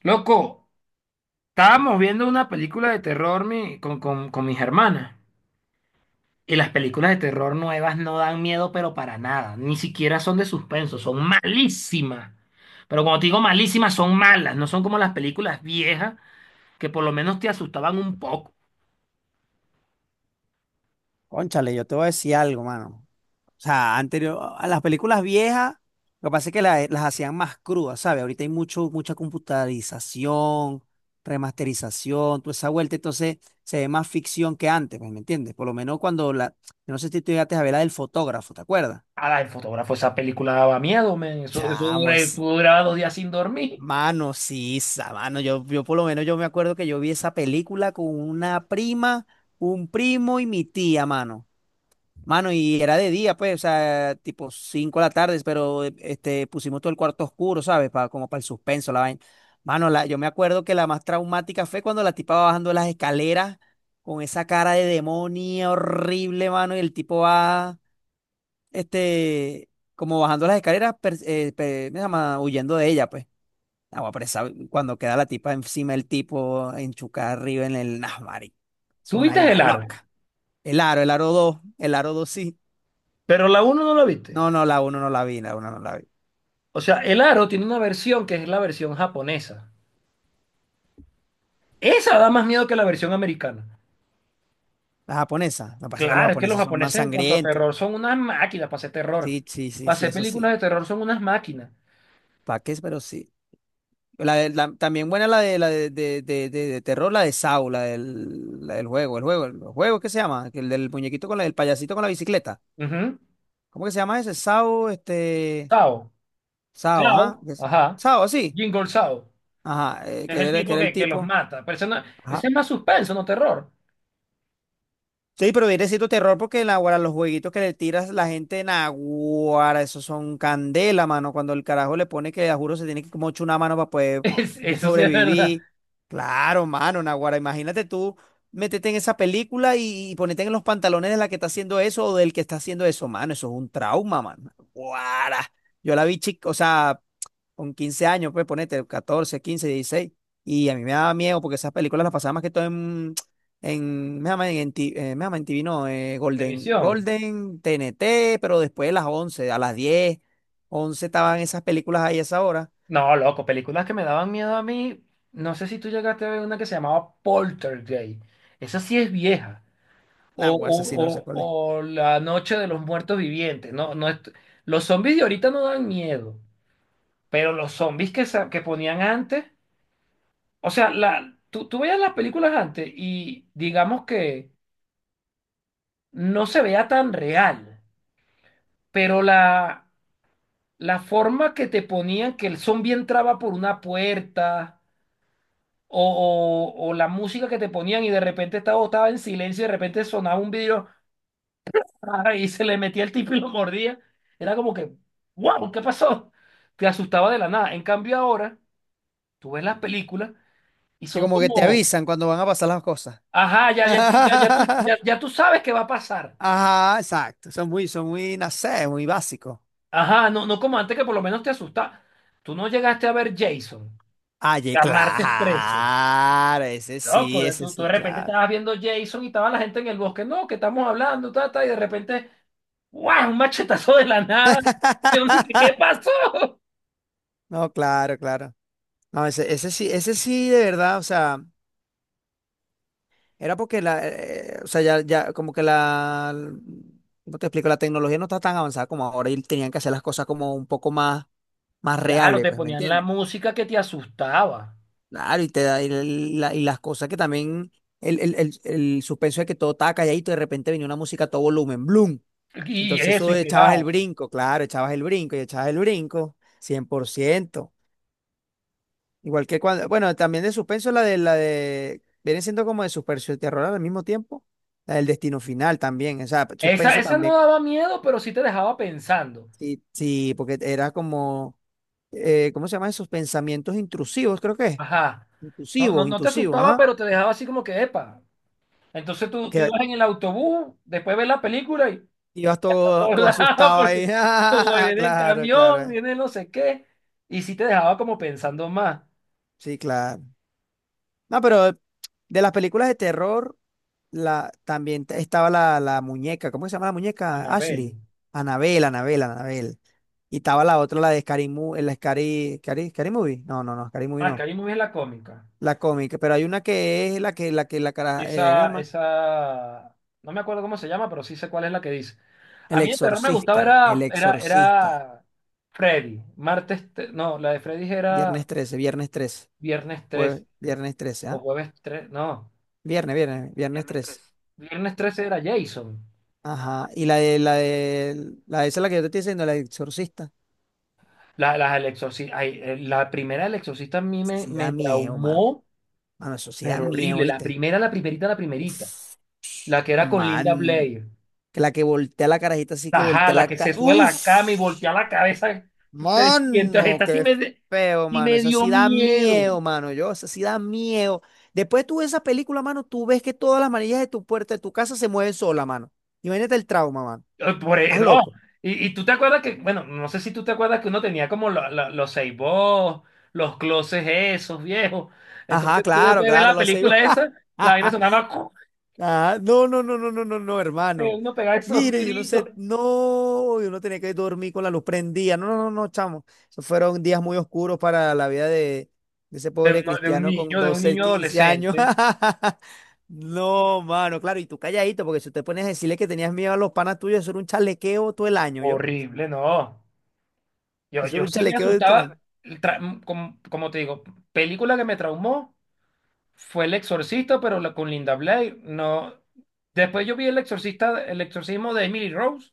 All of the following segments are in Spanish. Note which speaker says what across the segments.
Speaker 1: Loco, estábamos viendo una película de terror con mis hermanas. Y las películas de terror nuevas no dan miedo, pero para nada. Ni siquiera son de suspenso, son malísimas. Pero cuando te digo malísimas, son malas. No son como las películas viejas que por lo menos te asustaban un poco.
Speaker 2: Cónchale, yo te voy a decir algo, mano. O sea, anterior a las películas viejas, lo que pasa es que las hacían más crudas, ¿sabes? Ahorita hay mucha computarización, remasterización, toda esa vuelta, entonces se ve más ficción que antes, pues, ¿me entiendes? Por lo menos yo no sé si tú llegaste a ver la del fotógrafo, ¿te acuerdas?
Speaker 1: Ah, el fotógrafo, esa película daba miedo, men.
Speaker 2: Chamo, es,
Speaker 1: Tú durabas 2 días sin dormir.
Speaker 2: mano, sí, esa, mano, yo por lo menos yo me acuerdo que yo vi esa película con una prima, un primo y mi tía, mano. Mano, y era de día, pues, o sea, tipo 5 de la tarde, pero pusimos todo el cuarto oscuro, ¿sabes? Como para el suspenso, la vaina. Mano, yo me acuerdo que la más traumática fue cuando la tipa va bajando las escaleras con esa cara de demonio horrible, mano, y el tipo va, este, como bajando las escaleras, ¿cómo se llama? Huyendo de ella, pues. Agua, pero cuando queda la tipa encima del tipo, enchucada arriba en el Nasmari. Es
Speaker 1: Tú
Speaker 2: una
Speaker 1: viste
Speaker 2: vaina
Speaker 1: El Aro,
Speaker 2: loca. El aro dos, el aro 2.
Speaker 1: pero la uno no la viste.
Speaker 2: No, no, la uno no la vi, la uno no la vi.
Speaker 1: O sea, El Aro tiene una versión que es la versión japonesa. Esa da más miedo que la versión americana.
Speaker 2: La japonesa, me parece que los
Speaker 1: Claro, es que los
Speaker 2: japoneses son más
Speaker 1: japoneses en cuanto a
Speaker 2: sangrientos.
Speaker 1: terror son unas máquinas para hacer terror.
Speaker 2: Sí, sí, sí,
Speaker 1: Para
Speaker 2: sí,
Speaker 1: hacer
Speaker 2: eso
Speaker 1: películas
Speaker 2: sí.
Speaker 1: de terror son unas máquinas.
Speaker 2: ¿Para qué? Pero sí. También buena la de de terror, la de Saw, la del juego, el juego, ¿qué se llama? El del muñequito con el payasito con la bicicleta.
Speaker 1: Ujú.
Speaker 2: ¿Cómo que se llama ese? Saw,
Speaker 1: Sao.
Speaker 2: Saw, ajá.
Speaker 1: Sao. Ajá.
Speaker 2: Saw, sí.
Speaker 1: Jingle Sao.
Speaker 2: Ajá,
Speaker 1: Es el
Speaker 2: que
Speaker 1: tipo
Speaker 2: era el
Speaker 1: que los
Speaker 2: tipo.
Speaker 1: mata. Pero eso no- Ese es más suspenso, no terror.
Speaker 2: Sí, pero viene siendo terror porque naguará, los jueguitos que le tiras la gente naguará, esos son candela, mano. Cuando el carajo le pone que, a juro, se tiene que como echar una mano para poder
Speaker 1: Es- eso sí es verdad.
Speaker 2: sobrevivir. Claro, mano, naguará. Imagínate tú meterte en esa película y ponerte en los pantalones de la que está haciendo eso o del que está haciendo eso, mano. Eso es un trauma, mano. Naguará. Yo la vi chica, o sea con 15 años, pues ponete 14 15 dieciséis. Y a mí me daba miedo porque esas películas las pasaba más que todo me llaman me llaman en TV, no, Golden,
Speaker 1: Televisión.
Speaker 2: Golden, TNT, pero después de las 10 11 estaban esas películas ahí a esa hora.
Speaker 1: No, loco, películas que me daban miedo a mí. No sé si tú llegaste a ver una que se llamaba Poltergeist. Esa sí es vieja.
Speaker 2: Nah,
Speaker 1: O,
Speaker 2: güey, esa sí no sé
Speaker 1: o,
Speaker 2: cuál es.
Speaker 1: o, o La Noche de los Muertos Vivientes. No, no, los zombies de ahorita no dan miedo. Pero los zombies que ponían antes, o sea, tú veías las películas antes y digamos que no se veía tan real, pero la forma que te ponían que el zombie entraba por una puerta o la música que te ponían y de repente estaba en silencio y de repente sonaba un video y se le metía el tipo y lo mordía, era como que, wow, ¿qué pasó? Te asustaba de la nada. En cambio ahora, tú ves las películas y
Speaker 2: Y
Speaker 1: son
Speaker 2: como que te
Speaker 1: como...
Speaker 2: avisan cuando van a pasar las cosas.
Speaker 1: Ajá, ya, ya, tú- ya, ya, tú, ya, ya tú sabes qué va a pasar.
Speaker 2: Ajá, exacto. Son muy, no sé, muy básicos.
Speaker 1: Ajá, no, no como antes que por lo menos te asustaba. Tú no llegaste a ver Jason,
Speaker 2: Ay,
Speaker 1: a martes trece.
Speaker 2: claro,
Speaker 1: Loco, de-
Speaker 2: ese
Speaker 1: tú de
Speaker 2: sí,
Speaker 1: repente
Speaker 2: claro.
Speaker 1: estabas viendo Jason y estaba la gente en el bosque. No, que estamos hablando, ta, ta, y de repente, ¡guau! Un machetazo de la nada. Y uno, ¿Qué pasó?
Speaker 2: No, claro, claro. No, ese, ese sí, de verdad, o sea, era porque o sea, ya, ya, como que ¿cómo te explico? La tecnología no está tan avanzada como ahora y tenían que hacer las cosas como un poco más, más
Speaker 1: Claro,
Speaker 2: reales,
Speaker 1: te
Speaker 2: pues, ¿me
Speaker 1: ponían la
Speaker 2: entiendes?
Speaker 1: música que te asustaba.
Speaker 2: Claro, y te da, y, la- y las cosas que también, el suspenso de que todo estaba calladito y de repente venía una música a todo volumen, ¡bloom!
Speaker 1: Y
Speaker 2: Entonces
Speaker 1: eso,
Speaker 2: eso
Speaker 1: y
Speaker 2: echabas el
Speaker 1: pegado.
Speaker 2: brinco, claro, echabas el brinco y echabas el brinco, 100%. Igual que cuando, bueno, también de suspenso la de viene siendo como de suspenso y terror al mismo tiempo, la del destino final también, o sea,
Speaker 1: Esa,
Speaker 2: suspenso
Speaker 1: esa no
Speaker 2: también.
Speaker 1: daba miedo, pero sí te dejaba pensando.
Speaker 2: Sí, sí, porque era como ¿cómo se llama esos pensamientos intrusivos? Creo que es.
Speaker 1: Ajá. No, no,
Speaker 2: Intrusivos,
Speaker 1: no te
Speaker 2: intrusivos,
Speaker 1: asustaba,
Speaker 2: ajá.
Speaker 1: pero te dejaba así como que, epa. Entonces tú
Speaker 2: Que
Speaker 1: ibas en el autobús, después ves la película y
Speaker 2: ibas
Speaker 1: ya a todos
Speaker 2: todo
Speaker 1: lados,
Speaker 2: asustado
Speaker 1: porque
Speaker 2: ahí.
Speaker 1: como
Speaker 2: Ah,
Speaker 1: viene el
Speaker 2: claro,
Speaker 1: camión,
Speaker 2: claro.
Speaker 1: viene no sé qué. Y sí te dejaba como pensando más.
Speaker 2: Sí, claro. No, pero de las películas de terror, también estaba la muñeca. ¿Cómo se llama la muñeca?
Speaker 1: Anabel.
Speaker 2: Ashley. Anabel, Anabel, Anabel. Y estaba la otra, la de Scary Movie, Scary Movie. No, no, no, Scary Movie
Speaker 1: Ah, que
Speaker 2: no.
Speaker 1: ahí me vi la cómica.
Speaker 2: La cómica, pero hay una que es la que, la cara, ¿me
Speaker 1: Esa,
Speaker 2: llama?
Speaker 1: esa, no me acuerdo cómo se llama, pero sí sé cuál es la que dice.
Speaker 2: El
Speaker 1: A mí el terror me gustaba,
Speaker 2: Exorcista, El
Speaker 1: era, era,
Speaker 2: Exorcista.
Speaker 1: era Freddy. No, la de Freddy era
Speaker 2: Viernes 13,
Speaker 1: viernes 13
Speaker 2: jueves, viernes trece,
Speaker 1: o
Speaker 2: ¿ah?
Speaker 1: jueves 13, no,
Speaker 2: Viernes 13.
Speaker 1: viernes 13 era Jason.
Speaker 2: Ajá. Y la de esa es la que yo te estoy diciendo, la de Exorcista.
Speaker 1: La, las del Exorcista, ay, la primera del Exorcista a mí me,
Speaker 2: Sí da
Speaker 1: me
Speaker 2: miedo, man.
Speaker 1: traumó,
Speaker 2: Mano, eso sí da
Speaker 1: pero
Speaker 2: miedo,
Speaker 1: horrible. La
Speaker 2: ¿viste?
Speaker 1: primera, la primerita, la primerita.
Speaker 2: Uf,
Speaker 1: La que era con Linda
Speaker 2: man.
Speaker 1: Blair.
Speaker 2: Que la que voltea la carajita así que
Speaker 1: Ajá,
Speaker 2: voltea
Speaker 1: la
Speaker 2: la
Speaker 1: que
Speaker 2: cara.
Speaker 1: se sube a
Speaker 2: Uf.
Speaker 1: la cama y voltea la cabeza. 300.
Speaker 2: Mano,
Speaker 1: Esta sí
Speaker 2: qué
Speaker 1: me, de-
Speaker 2: feo,
Speaker 1: sí
Speaker 2: mano.
Speaker 1: me
Speaker 2: Esa
Speaker 1: dio
Speaker 2: sí da
Speaker 1: miedo.
Speaker 2: miedo, mano. Yo, esa sí da miedo. Después tú ves esa película, mano, tú ves que todas las manillas de tu puerta, de tu casa se mueven sola, mano. Imagínate el trauma, mano. ¿Estás
Speaker 1: No.
Speaker 2: loco?
Speaker 1: Y tú te acuerdas que, bueno, no sé si tú te acuerdas que uno tenía como la- la- los Seibos, los closes esos viejos.
Speaker 2: Ajá,
Speaker 1: Entonces tú después
Speaker 2: claro,
Speaker 1: de ver
Speaker 2: claro,
Speaker 1: la
Speaker 2: lo sé.
Speaker 1: película esa, la vaina sonaba,
Speaker 2: Ah, no, no, no, no, no, no, no, hermano.
Speaker 1: uno pegaba esos
Speaker 2: Mire, yo no
Speaker 1: gritos.
Speaker 2: sé, no, yo no tenía que dormir con la luz prendida. No, no, no, no, chamo. Esos fueron días muy oscuros para la vida de ese
Speaker 1: De,
Speaker 2: pobre
Speaker 1: uno-
Speaker 2: cristiano con
Speaker 1: de un
Speaker 2: 12,
Speaker 1: niño
Speaker 2: 15 años.
Speaker 1: adolescente,
Speaker 2: No, mano, claro, y tú calladito, porque si te pones a decirle que tenías miedo a los panas tuyos, eso era un chalequeo todo el año, ¿yo?
Speaker 1: horrible, no. Yo,
Speaker 2: Eso era
Speaker 1: yo
Speaker 2: un
Speaker 1: sí me
Speaker 2: chalequeo de todo el
Speaker 1: asustaba,
Speaker 2: año.
Speaker 1: el tra- como, como te digo, película que me traumó fue El Exorcista, pero la, con Linda Blair, no. Después yo vi El Exorcista, El Exorcismo de Emily Rose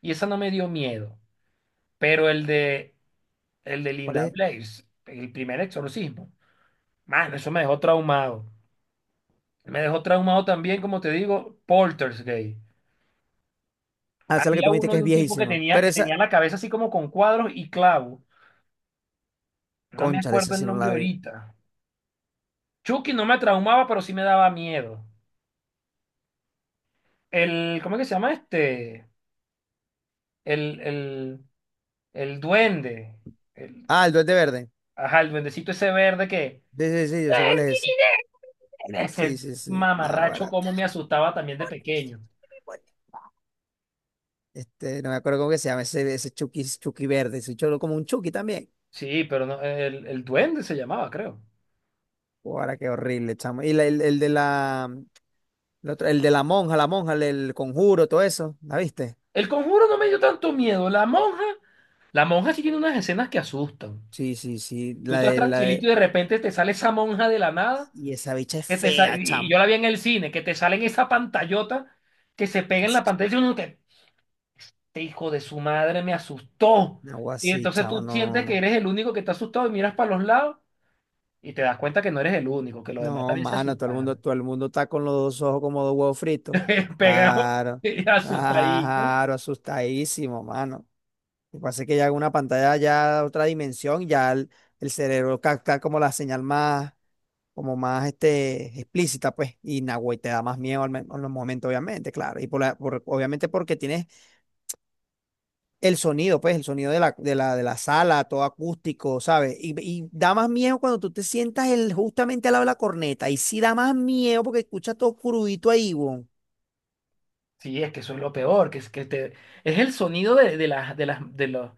Speaker 1: y esa no me dio miedo, pero el de
Speaker 2: ¿Cuál
Speaker 1: Linda
Speaker 2: es?
Speaker 1: Blair, el primer exorcismo, mano, eso me dejó traumado. Me dejó traumado también, como te digo, Poltergeist.
Speaker 2: Ah, esa es la que tú
Speaker 1: Había
Speaker 2: me dijiste
Speaker 1: uno
Speaker 2: que
Speaker 1: de
Speaker 2: es
Speaker 1: un tipo que
Speaker 2: viejísima.
Speaker 1: tenía,
Speaker 2: Pero
Speaker 1: que
Speaker 2: esa,
Speaker 1: tenía la cabeza así como con cuadros y clavos. No me
Speaker 2: concha,
Speaker 1: acuerdo
Speaker 2: esa
Speaker 1: el
Speaker 2: sí no
Speaker 1: nombre
Speaker 2: la vi.
Speaker 1: ahorita. Chucky no me traumaba, pero sí me daba miedo. ¿Cómo es que se llama este? El, el, el duende. El,
Speaker 2: Ah, el Duende Verde.
Speaker 1: ajá, el duendecito ese verde que
Speaker 2: Sí, sí, sí, yo sé cuál es ese. Sí,
Speaker 1: ese
Speaker 2: sí, sí.
Speaker 1: mamarracho
Speaker 2: Nada,
Speaker 1: como me asustaba también de pequeño.
Speaker 2: No me acuerdo cómo que se llama ese, ese Chucky, Chucky verde, ese cholo como un Chucky también.
Speaker 1: Sí, pero no, el duende se llamaba, creo.
Speaker 2: Ahora qué horrible, chamo. Y el de el de la monja, el del conjuro, todo eso, ¿la viste?
Speaker 1: El conjuro no me dio tanto miedo. La monja sí tiene unas escenas que asustan.
Speaker 2: Sí, sí, sí,
Speaker 1: Tú estás tranquilito y de repente te sale esa monja de la nada
Speaker 2: y esa bicha es
Speaker 1: que te sa-
Speaker 2: fea,
Speaker 1: y
Speaker 2: chamo.
Speaker 1: yo la vi en el cine, que te salen esa pantallota que se pega en la pantalla y uno que, "Este hijo de su madre me asustó."
Speaker 2: Algo
Speaker 1: Y
Speaker 2: así,
Speaker 1: entonces
Speaker 2: chavo,
Speaker 1: tú
Speaker 2: no, no,
Speaker 1: sientes que
Speaker 2: no.
Speaker 1: eres el único que está asustado y miras para los lados y te das cuenta que no eres el único, que los demás
Speaker 2: No,
Speaker 1: también se
Speaker 2: mano,
Speaker 1: asustaron.
Speaker 2: todo el mundo está con los dos ojos como dos huevos fritos.
Speaker 1: Pegado,
Speaker 2: Claro,
Speaker 1: y asustadito.
Speaker 2: claro, asustadísimo, mano. Lo que pasa es que ya una pantalla ya otra dimensión, ya el cerebro capta como la señal más, como más explícita, pues, y Nahuatl te da más miedo en los momentos, obviamente, claro. Obviamente porque tienes el sonido, pues, el sonido de de la sala, todo acústico, ¿sabes? Y da más miedo cuando tú te sientas justamente al lado de la corneta. Y sí da más miedo porque escuchas todo crudito ahí, weón,
Speaker 1: Sí, es que eso es lo peor, que es que te, es el sonido de las, de las, de los,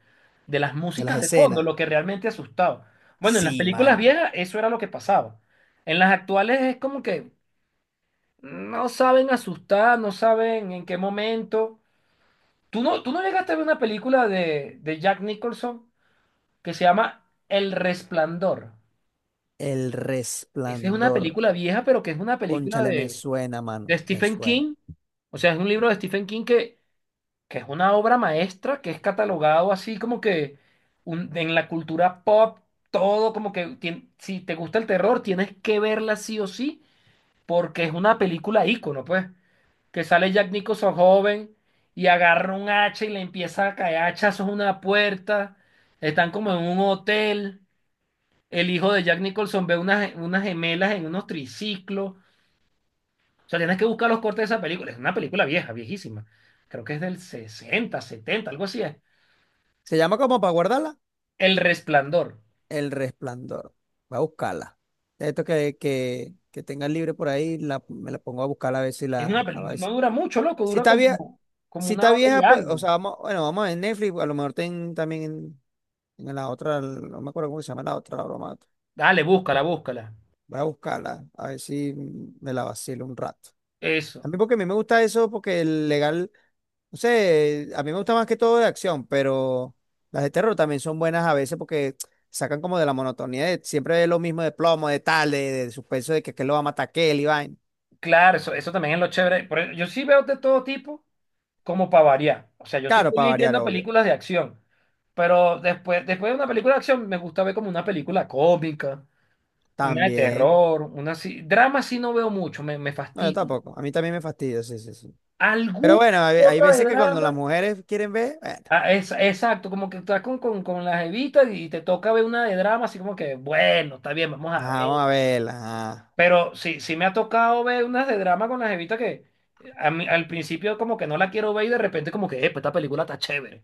Speaker 1: de las
Speaker 2: de las
Speaker 1: músicas de fondo
Speaker 2: escenas.
Speaker 1: lo que realmente asustaba. Bueno, en las
Speaker 2: Sí,
Speaker 1: películas
Speaker 2: man.
Speaker 1: viejas eso era lo que pasaba. En las actuales es como que no saben asustar, no saben en qué momento. ¿Tú no llegaste a ver una película de Jack Nicholson que se llama El Resplandor?
Speaker 2: El
Speaker 1: Esa es una
Speaker 2: resplandor.
Speaker 1: película vieja, pero que es una película
Speaker 2: Cónchale, me suena, mano.
Speaker 1: de
Speaker 2: Me
Speaker 1: Stephen
Speaker 2: suena.
Speaker 1: King. O sea, es un libro de Stephen King que es una obra maestra, que es catalogado así como que un- en la cultura pop, todo como que tien- si te gusta el terror, tienes que verla sí o sí, porque es una película ícono, pues. Que sale Jack Nicholson joven y agarra un hacha y le empieza a caer hachazos a una puerta. Están como en un hotel. El hijo de Jack Nicholson ve unas, unas gemelas en unos triciclos. O sea, tienes que buscar los cortes de esa película. Es una película vieja, viejísima. Creo que es del 60 70 algo así es.
Speaker 2: Se llama como para guardarla.
Speaker 1: El Resplandor.
Speaker 2: El Resplandor. Va a buscarla. Esto que tenga libre por ahí, me la pongo a buscar a ver si
Speaker 1: Es una
Speaker 2: la... A
Speaker 1: pel-
Speaker 2: ver
Speaker 1: no
Speaker 2: si,
Speaker 1: dura mucho, loco,
Speaker 2: si
Speaker 1: dura
Speaker 2: está vieja,
Speaker 1: como, como
Speaker 2: si está
Speaker 1: una hora y
Speaker 2: vieja, pues, o
Speaker 1: algo.
Speaker 2: sea, vamos, bueno, vamos a ver Netflix, a lo mejor ten también en la otra, no me acuerdo cómo se llama la otra, la broma.
Speaker 1: Dale, búscala, búscala.
Speaker 2: Voy a buscarla, a ver si me la vacilo un rato. A
Speaker 1: Eso.
Speaker 2: mí porque a mí me gusta eso, porque el legal. No sé, a mí me gusta más que todo de acción, pero las de terror también son buenas a veces porque sacan como de la monotonía de siempre lo mismo de plomo, de tal, de suspenso de que lo va a matar aquel y vaina.
Speaker 1: Claro, eso también es lo chévere. Por eso- yo sí veo de todo tipo, como para variar. O sea, yo soy
Speaker 2: Claro, para
Speaker 1: feliz
Speaker 2: variar,
Speaker 1: viendo
Speaker 2: obvio.
Speaker 1: películas de acción, pero después, después de una película de acción me gusta ver como una película cómica, una de
Speaker 2: También.
Speaker 1: terror, una así. Drama sí no veo mucho, me
Speaker 2: No, yo
Speaker 1: fastidia.
Speaker 2: tampoco. A mí también me fastidia, sí, sí, sí. Pero
Speaker 1: ¿Alguna
Speaker 2: bueno,
Speaker 1: que
Speaker 2: hay
Speaker 1: otra de
Speaker 2: veces que cuando las
Speaker 1: drama?
Speaker 2: mujeres quieren ver, bueno,
Speaker 1: Ah, exacto, como que estás con las evitas y te toca ver una de drama, así como que, bueno, está bien, vamos
Speaker 2: ajá,
Speaker 1: a ver.
Speaker 2: vamos a verlas. Ajá.
Speaker 1: Pero sí, sí me ha tocado ver unas de drama con las evitas que a mí- al principio como que no la quiero ver y de repente como que, "Epa, esta película está chévere."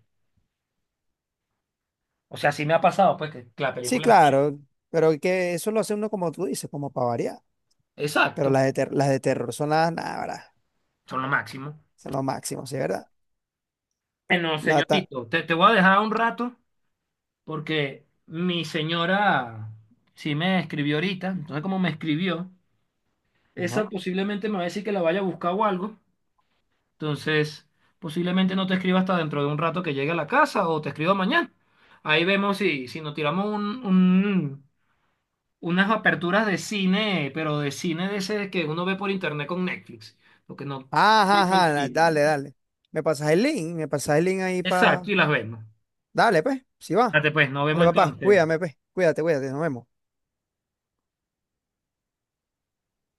Speaker 1: O sea, sí me ha pasado, pues, que la
Speaker 2: Sí,
Speaker 1: película.
Speaker 2: claro, pero que eso lo hace uno como tú dices, como para variar. Pero
Speaker 1: Exacto,
Speaker 2: las de, las de terror son las, nada,
Speaker 1: son lo máximo.
Speaker 2: son lo máximo, ¿sí, verdad?
Speaker 1: Bueno,
Speaker 2: La ta-
Speaker 1: señorito, te voy a dejar un rato porque mi señora sí me escribió ahorita. Entonces, como me escribió,
Speaker 2: Ajá.
Speaker 1: esa posiblemente me va a decir que la vaya a buscar o algo. Entonces, posiblemente no te escriba hasta dentro de un rato que llegue a la casa o te escriba mañana. Ahí vemos si, si nos tiramos unas aperturas de cine, pero de cine de ese que uno ve por internet con Netflix. Lo que no. Sí,
Speaker 2: Ajá,
Speaker 1: el
Speaker 2: ajá,
Speaker 1: cine.
Speaker 2: dale, dale. Me pasas el link, ahí
Speaker 1: Exacto,
Speaker 2: para...
Speaker 1: y las vemos.
Speaker 2: Dale, pues, si va.
Speaker 1: Date pues, nos
Speaker 2: Dale,
Speaker 1: vemos
Speaker 2: papá,
Speaker 1: entonces.
Speaker 2: cuídame, pues. Cuídate, cuídate, nos vemos.